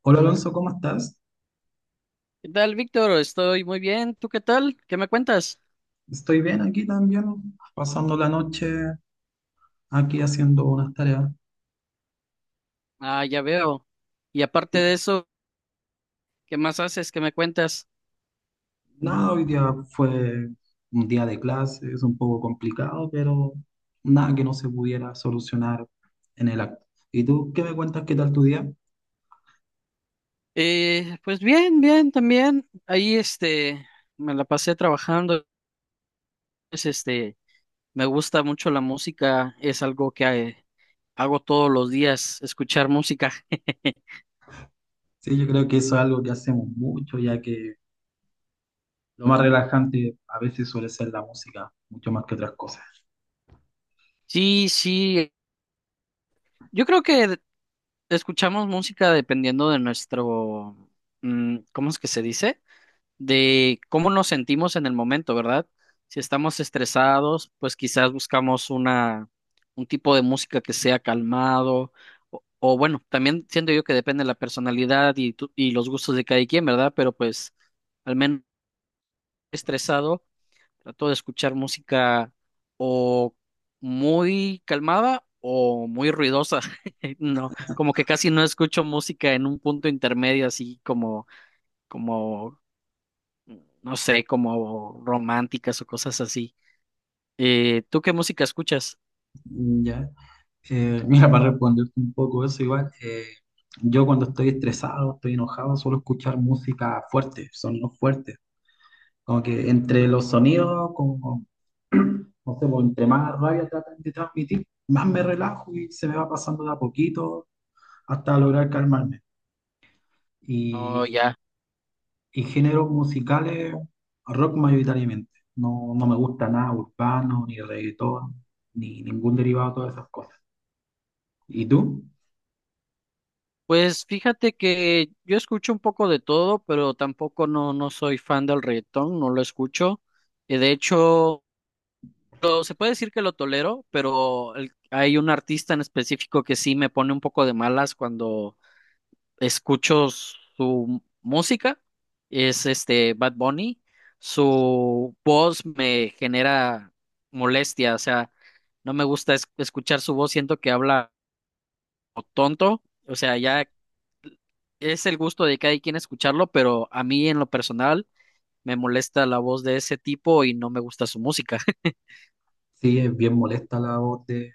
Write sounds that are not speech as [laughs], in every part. Hola Alonso, ¿cómo estás? ¿Qué tal, Víctor? Estoy muy bien. ¿Tú qué tal? ¿Qué me cuentas? Estoy bien aquí también, pasando la noche aquí haciendo unas tareas. Ah, ya veo. Y aparte de eso, ¿qué más haces? ¿Qué me cuentas? Nada, hoy día fue un día de clases, un poco complicado, pero nada que no se pudiera solucionar en el acto. ¿Y tú qué me cuentas? ¿Qué tal tu día? Pues bien, bien, también. Ahí, este, me la pasé trabajando. Es, este, me gusta mucho la música. Es algo que hago todos los días, escuchar música. [laughs] Sí, yo creo que eso es algo que hacemos mucho, ya que lo más relajante a veces suele ser la música, mucho más que otras cosas. Sí, sí. Yo creo que escuchamos música dependiendo de nuestro, ¿cómo es que se dice? De cómo nos sentimos en el momento, ¿verdad? Si estamos estresados, pues quizás buscamos un tipo de música que sea calmado, o bueno, también siento yo que depende de la personalidad y los gustos de cada quien, ¿verdad? Pero pues al menos estresado, trato de escuchar música o muy calmada o muy ruidosa. [laughs] No, como que casi no escucho música en un punto intermedio, así como no sé, como románticas o cosas así. ¿Tú qué música escuchas? ¿Ya? Mira, para responderte un poco eso, igual, yo cuando estoy estresado, estoy enojado, suelo escuchar música fuerte, sonidos fuertes. Como que entre los sonidos, como, no sé, pues, entre más rabia tratan de transmitir, más me relajo y se me va pasando de a poquito hasta lograr calmarme. Oh, Y, ya. y géneros musicales, rock mayoritariamente. No, no me gusta nada urbano, ni reggaetón, ni ningún derivado de todas esas cosas. ¿Y tú? Pues fíjate que yo escucho un poco de todo, pero tampoco no soy fan del reggaetón, no lo escucho. De hecho, se puede decir que lo tolero, pero hay un artista en específico que sí me pone un poco de malas cuando escucho su música, es este Bad Bunny, su voz me genera molestia, o sea, no me gusta escuchar su voz, siento que habla tonto, o sea, ya es el gusto de cada quien escucharlo, pero a mí en lo personal me molesta la voz de ese tipo y no me gusta su música. [laughs] Sí, es bien molesta la voz de,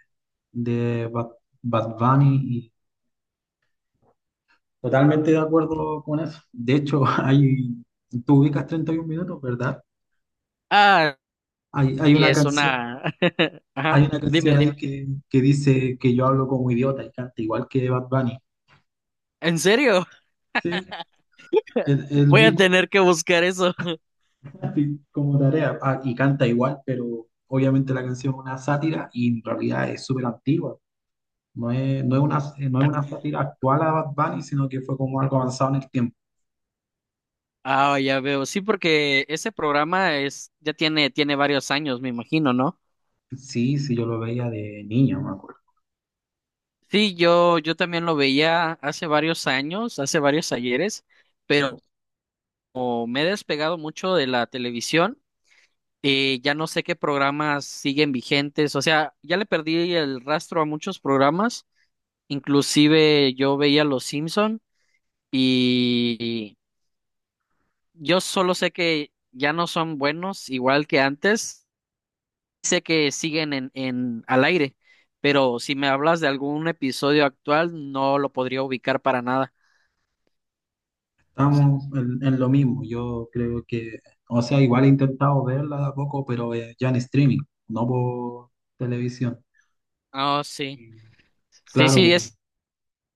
de Bad Bunny y totalmente de acuerdo con eso. De hecho, [laughs] tú ubicas 31 minutos, ¿verdad? Ah, Hay y una es canción, una... [laughs] Ajá, hay una canción dime, ahí dime. que dice que yo hablo como idiota y canta igual que Bad Bunny. ¿En serio? Sí, el Voy a mismo tipo, tener que buscar eso. así [laughs] como tarea. Ah, y canta igual, pero obviamente la canción es una sátira y en realidad es súper antigua. No es, no es una, no es una sátira actual a Bad Bunny, sino que fue como algo avanzado en el tiempo. Ah, ya veo. Sí, porque ese programa es, ya tiene varios años, me imagino, ¿no? Sí, sí, yo lo veía de niño, me acuerdo. Sí, yo también lo veía hace varios años, hace varios ayeres, pero como me he despegado mucho de la televisión, ya no sé qué programas siguen vigentes. O sea, ya le perdí el rastro a muchos programas. Inclusive yo veía Los Simpson y yo solo sé que ya no son buenos igual que antes. Sé que siguen en al aire, pero si me hablas de algún episodio actual, no lo podría ubicar para nada. Estamos en lo mismo, yo creo que, o sea, igual he intentado verla de a poco, pero ya en streaming, no por televisión. Ah, sí. Y Sí, claro, sí,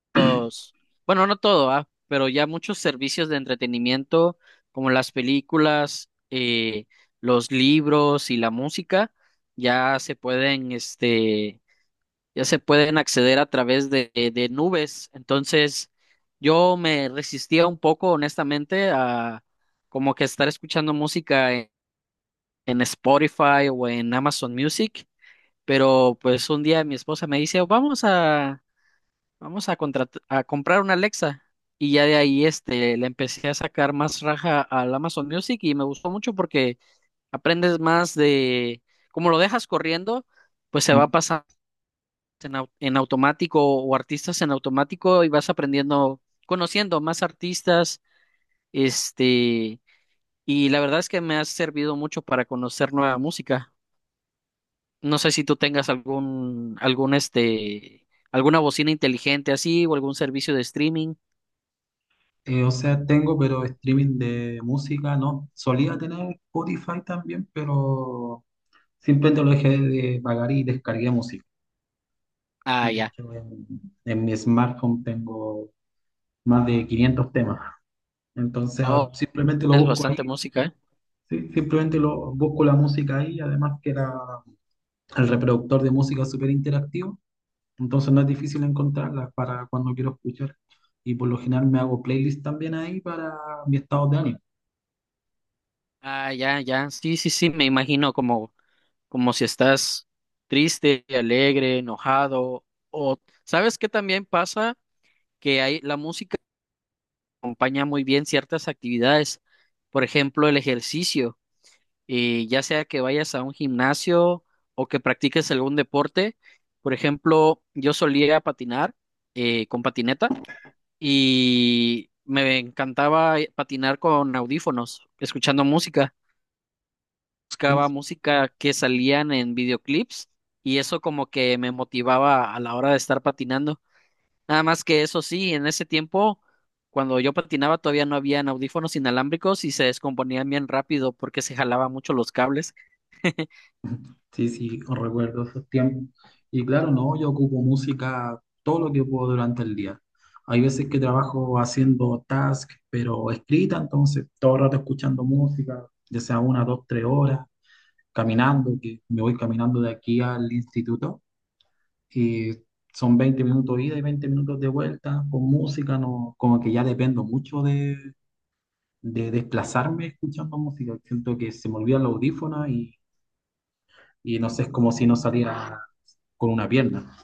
estos. Bueno, no todo, ah, pero ya muchos servicios de entretenimiento, como las películas, los libros y la música, ya se pueden, este, ya se pueden acceder a través de nubes. Entonces, yo me resistía un poco, honestamente, a como que estar escuchando música en Spotify o en Amazon Music, pero pues un día mi esposa me dice, vamos a comprar una Alexa. Y ya de ahí este, le empecé a sacar más raja al Amazon Music y me gustó mucho porque aprendes más como lo dejas corriendo, pues se va mm, pasando en automático o artistas en automático y vas aprendiendo, conociendo más artistas, este, y la verdad es que me ha servido mucho para conocer nueva música. No sé si tú tengas algún, este, alguna bocina inteligente así o algún servicio de streaming. O sea, tengo, pero streaming de música no. Solía tener Spotify también, pero simplemente lo dejé de pagar y descargué música. Ah, De ya. hecho, en mi smartphone tengo más de 500 temas. Entonces, ahora Oh, simplemente lo es busco. bastante música, ¿eh? Sí, simplemente busco la música ahí, además que el reproductor de música es súper interactivo, entonces no es difícil encontrarla para cuando quiero escuchar. Y por lo general me hago playlist también ahí para mi estado de ánimo. Ah, ya, ya. Sí, sí, sí, me imagino como si estás triste, alegre, enojado o ¿sabes qué también pasa? Que hay la música acompaña muy bien ciertas actividades. Por ejemplo, el ejercicio, ya sea que vayas a un gimnasio o que practiques algún deporte. Por ejemplo, yo solía patinar con patineta y me encantaba patinar con audífonos, escuchando música. Buscaba Sí, música que salían en videoclips y eso como que me motivaba a la hora de estar patinando. Nada más que eso sí, en ese tiempo, cuando yo patinaba, todavía no habían audífonos inalámbricos y se descomponían bien rápido porque se jalaba mucho los cables. sí, sí, recuerdo esos tiempos. Y claro, no, yo ocupo música todo lo que puedo durante el día. Hay veces que trabajo haciendo task pero escrita, entonces todo el rato escuchando música, ya sea 1, 2, 3 horas, caminando, que me voy caminando de aquí al instituto. Y son 20 minutos ida y 20 minutos de vuelta con música, no, como que ya dependo mucho de desplazarme escuchando música. Siento que se me olvidan los audífonos y no sé, es como si no saliera con una pierna.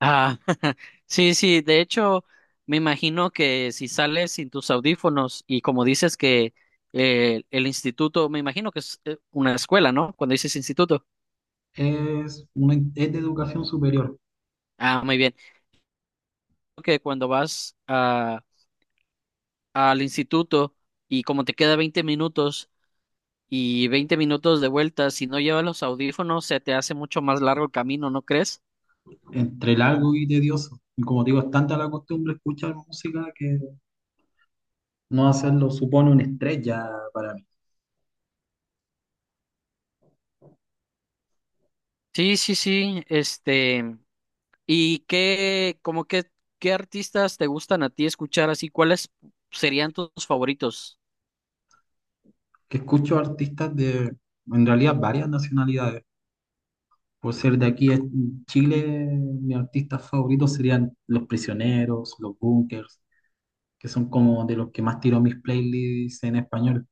Ah, [laughs] sí, sí, de hecho, me imagino que si sales sin tus audífonos y como dices que el instituto, me imagino que es una escuela, ¿no? Cuando dices instituto. Es de educación superior, Ah, muy bien. Creo que cuando vas al instituto y como te queda 20 minutos y 20 minutos de vuelta. Si no llevas los audífonos, se te hace mucho más largo el camino, ¿no crees? entre largo y tedioso. Y como te digo, es tanta la costumbre escuchar música que no hacerlo supone un estrés ya para mí. Sí, sí, sí. Este, ¿y qué, como qué artistas te gustan a ti escuchar así? ¿Cuáles serían tus favoritos? Que escucho artistas de, en realidad, varias nacionalidades. Por ser de aquí a Chile, mis artistas favoritos serían Los Prisioneros, Los Bunkers, que son como de los que más tiro mis playlists en español.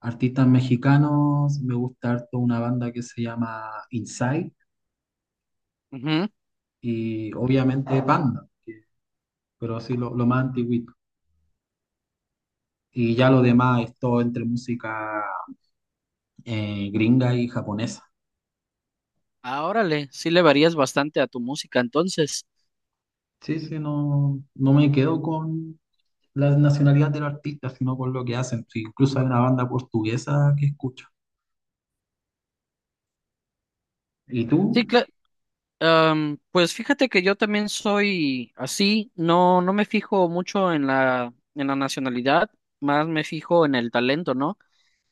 Artistas mexicanos, me gusta harto una banda que se llama Inside Ujú. y obviamente Panda, que- pero así lo más antiguito. Y ya lo demás es todo entre música gringa y japonesa. Ah, órale, sí le varías bastante a tu música, entonces. Sí, sí, no, no me quedo con la nacionalidad del artista, sino con lo que hacen. Sí, incluso hay una banda portuguesa que escucho. ¿Y Sí, tú? Pues fíjate que yo también soy así, no me fijo mucho en en la nacionalidad, más me fijo en el talento, ¿no?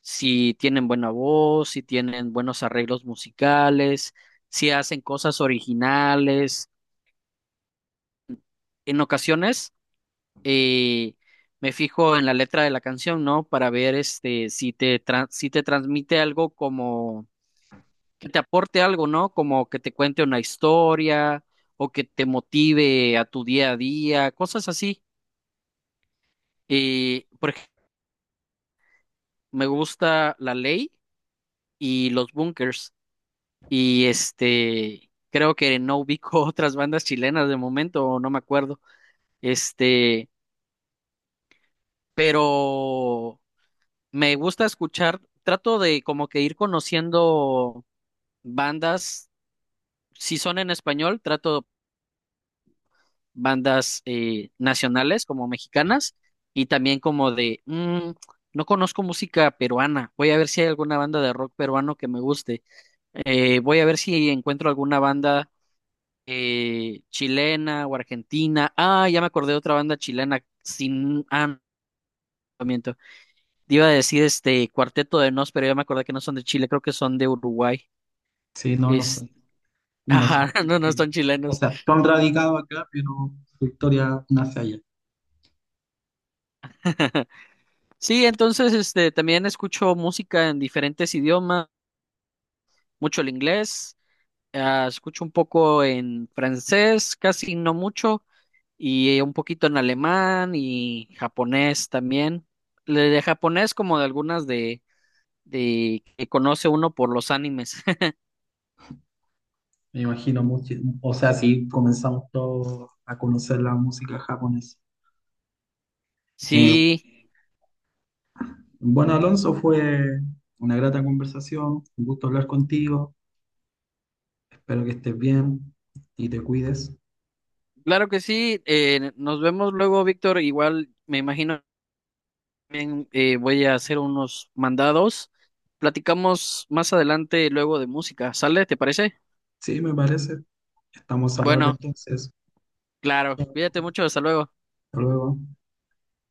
Si tienen buena voz, si tienen buenos arreglos musicales, si hacen cosas originales. En ocasiones eh, me fijo en la letra de la canción, ¿no? Para ver este, si te transmite algo como que te aporte algo, ¿no? Como que te cuente una historia o que te motive a tu día a día, cosas así. Por ejemplo, me gusta La Ley y Los Bunkers y este, creo que no ubico [laughs] otras bandas chilenas de momento, o no me acuerdo, este, pero me gusta escuchar, trato de como que ir conociendo bandas, si son en español, trato bandas nacionales como mexicanas y también como de, "Mm, no conozco música peruana, voy a ver si hay alguna banda de rock peruano que me guste, voy a ver si encuentro alguna banda chilena o argentina, ah, ya me acordé de otra banda chilena, sin, no, miento. Te iba a decir este Cuarteto de Nos, pero ya me acordé que no son de Chile, creo que son de Uruguay, Sí, no, es, [laughs] no soy ajá, de no, no Chile. son O chilenos. sea, tú han radicado acá, pero su historia nace allá. [laughs] Sí, entonces este también escucho música en diferentes idiomas. Mucho el inglés, ah, escucho un poco en francés, casi no mucho, y un poquito en alemán y japonés también. De japonés como de algunas de que conoce uno por los animes. [laughs] Me imagino mucho. O sea, sí, comenzamos todos a conocer la música japonesa. Eh, Sí, bueno, Alonso, fue una grata conversación. Un gusto hablar contigo. Espero que estés bien y te cuides. claro que sí. Nos vemos luego, Víctor. Igual me imagino también voy a hacer unos mandados. Platicamos más adelante luego de música. ¿Sale? ¿Te parece? Sí, me parece. Estamos al habla Bueno, entonces. claro. Hasta Cuídate mucho. Hasta luego. luego.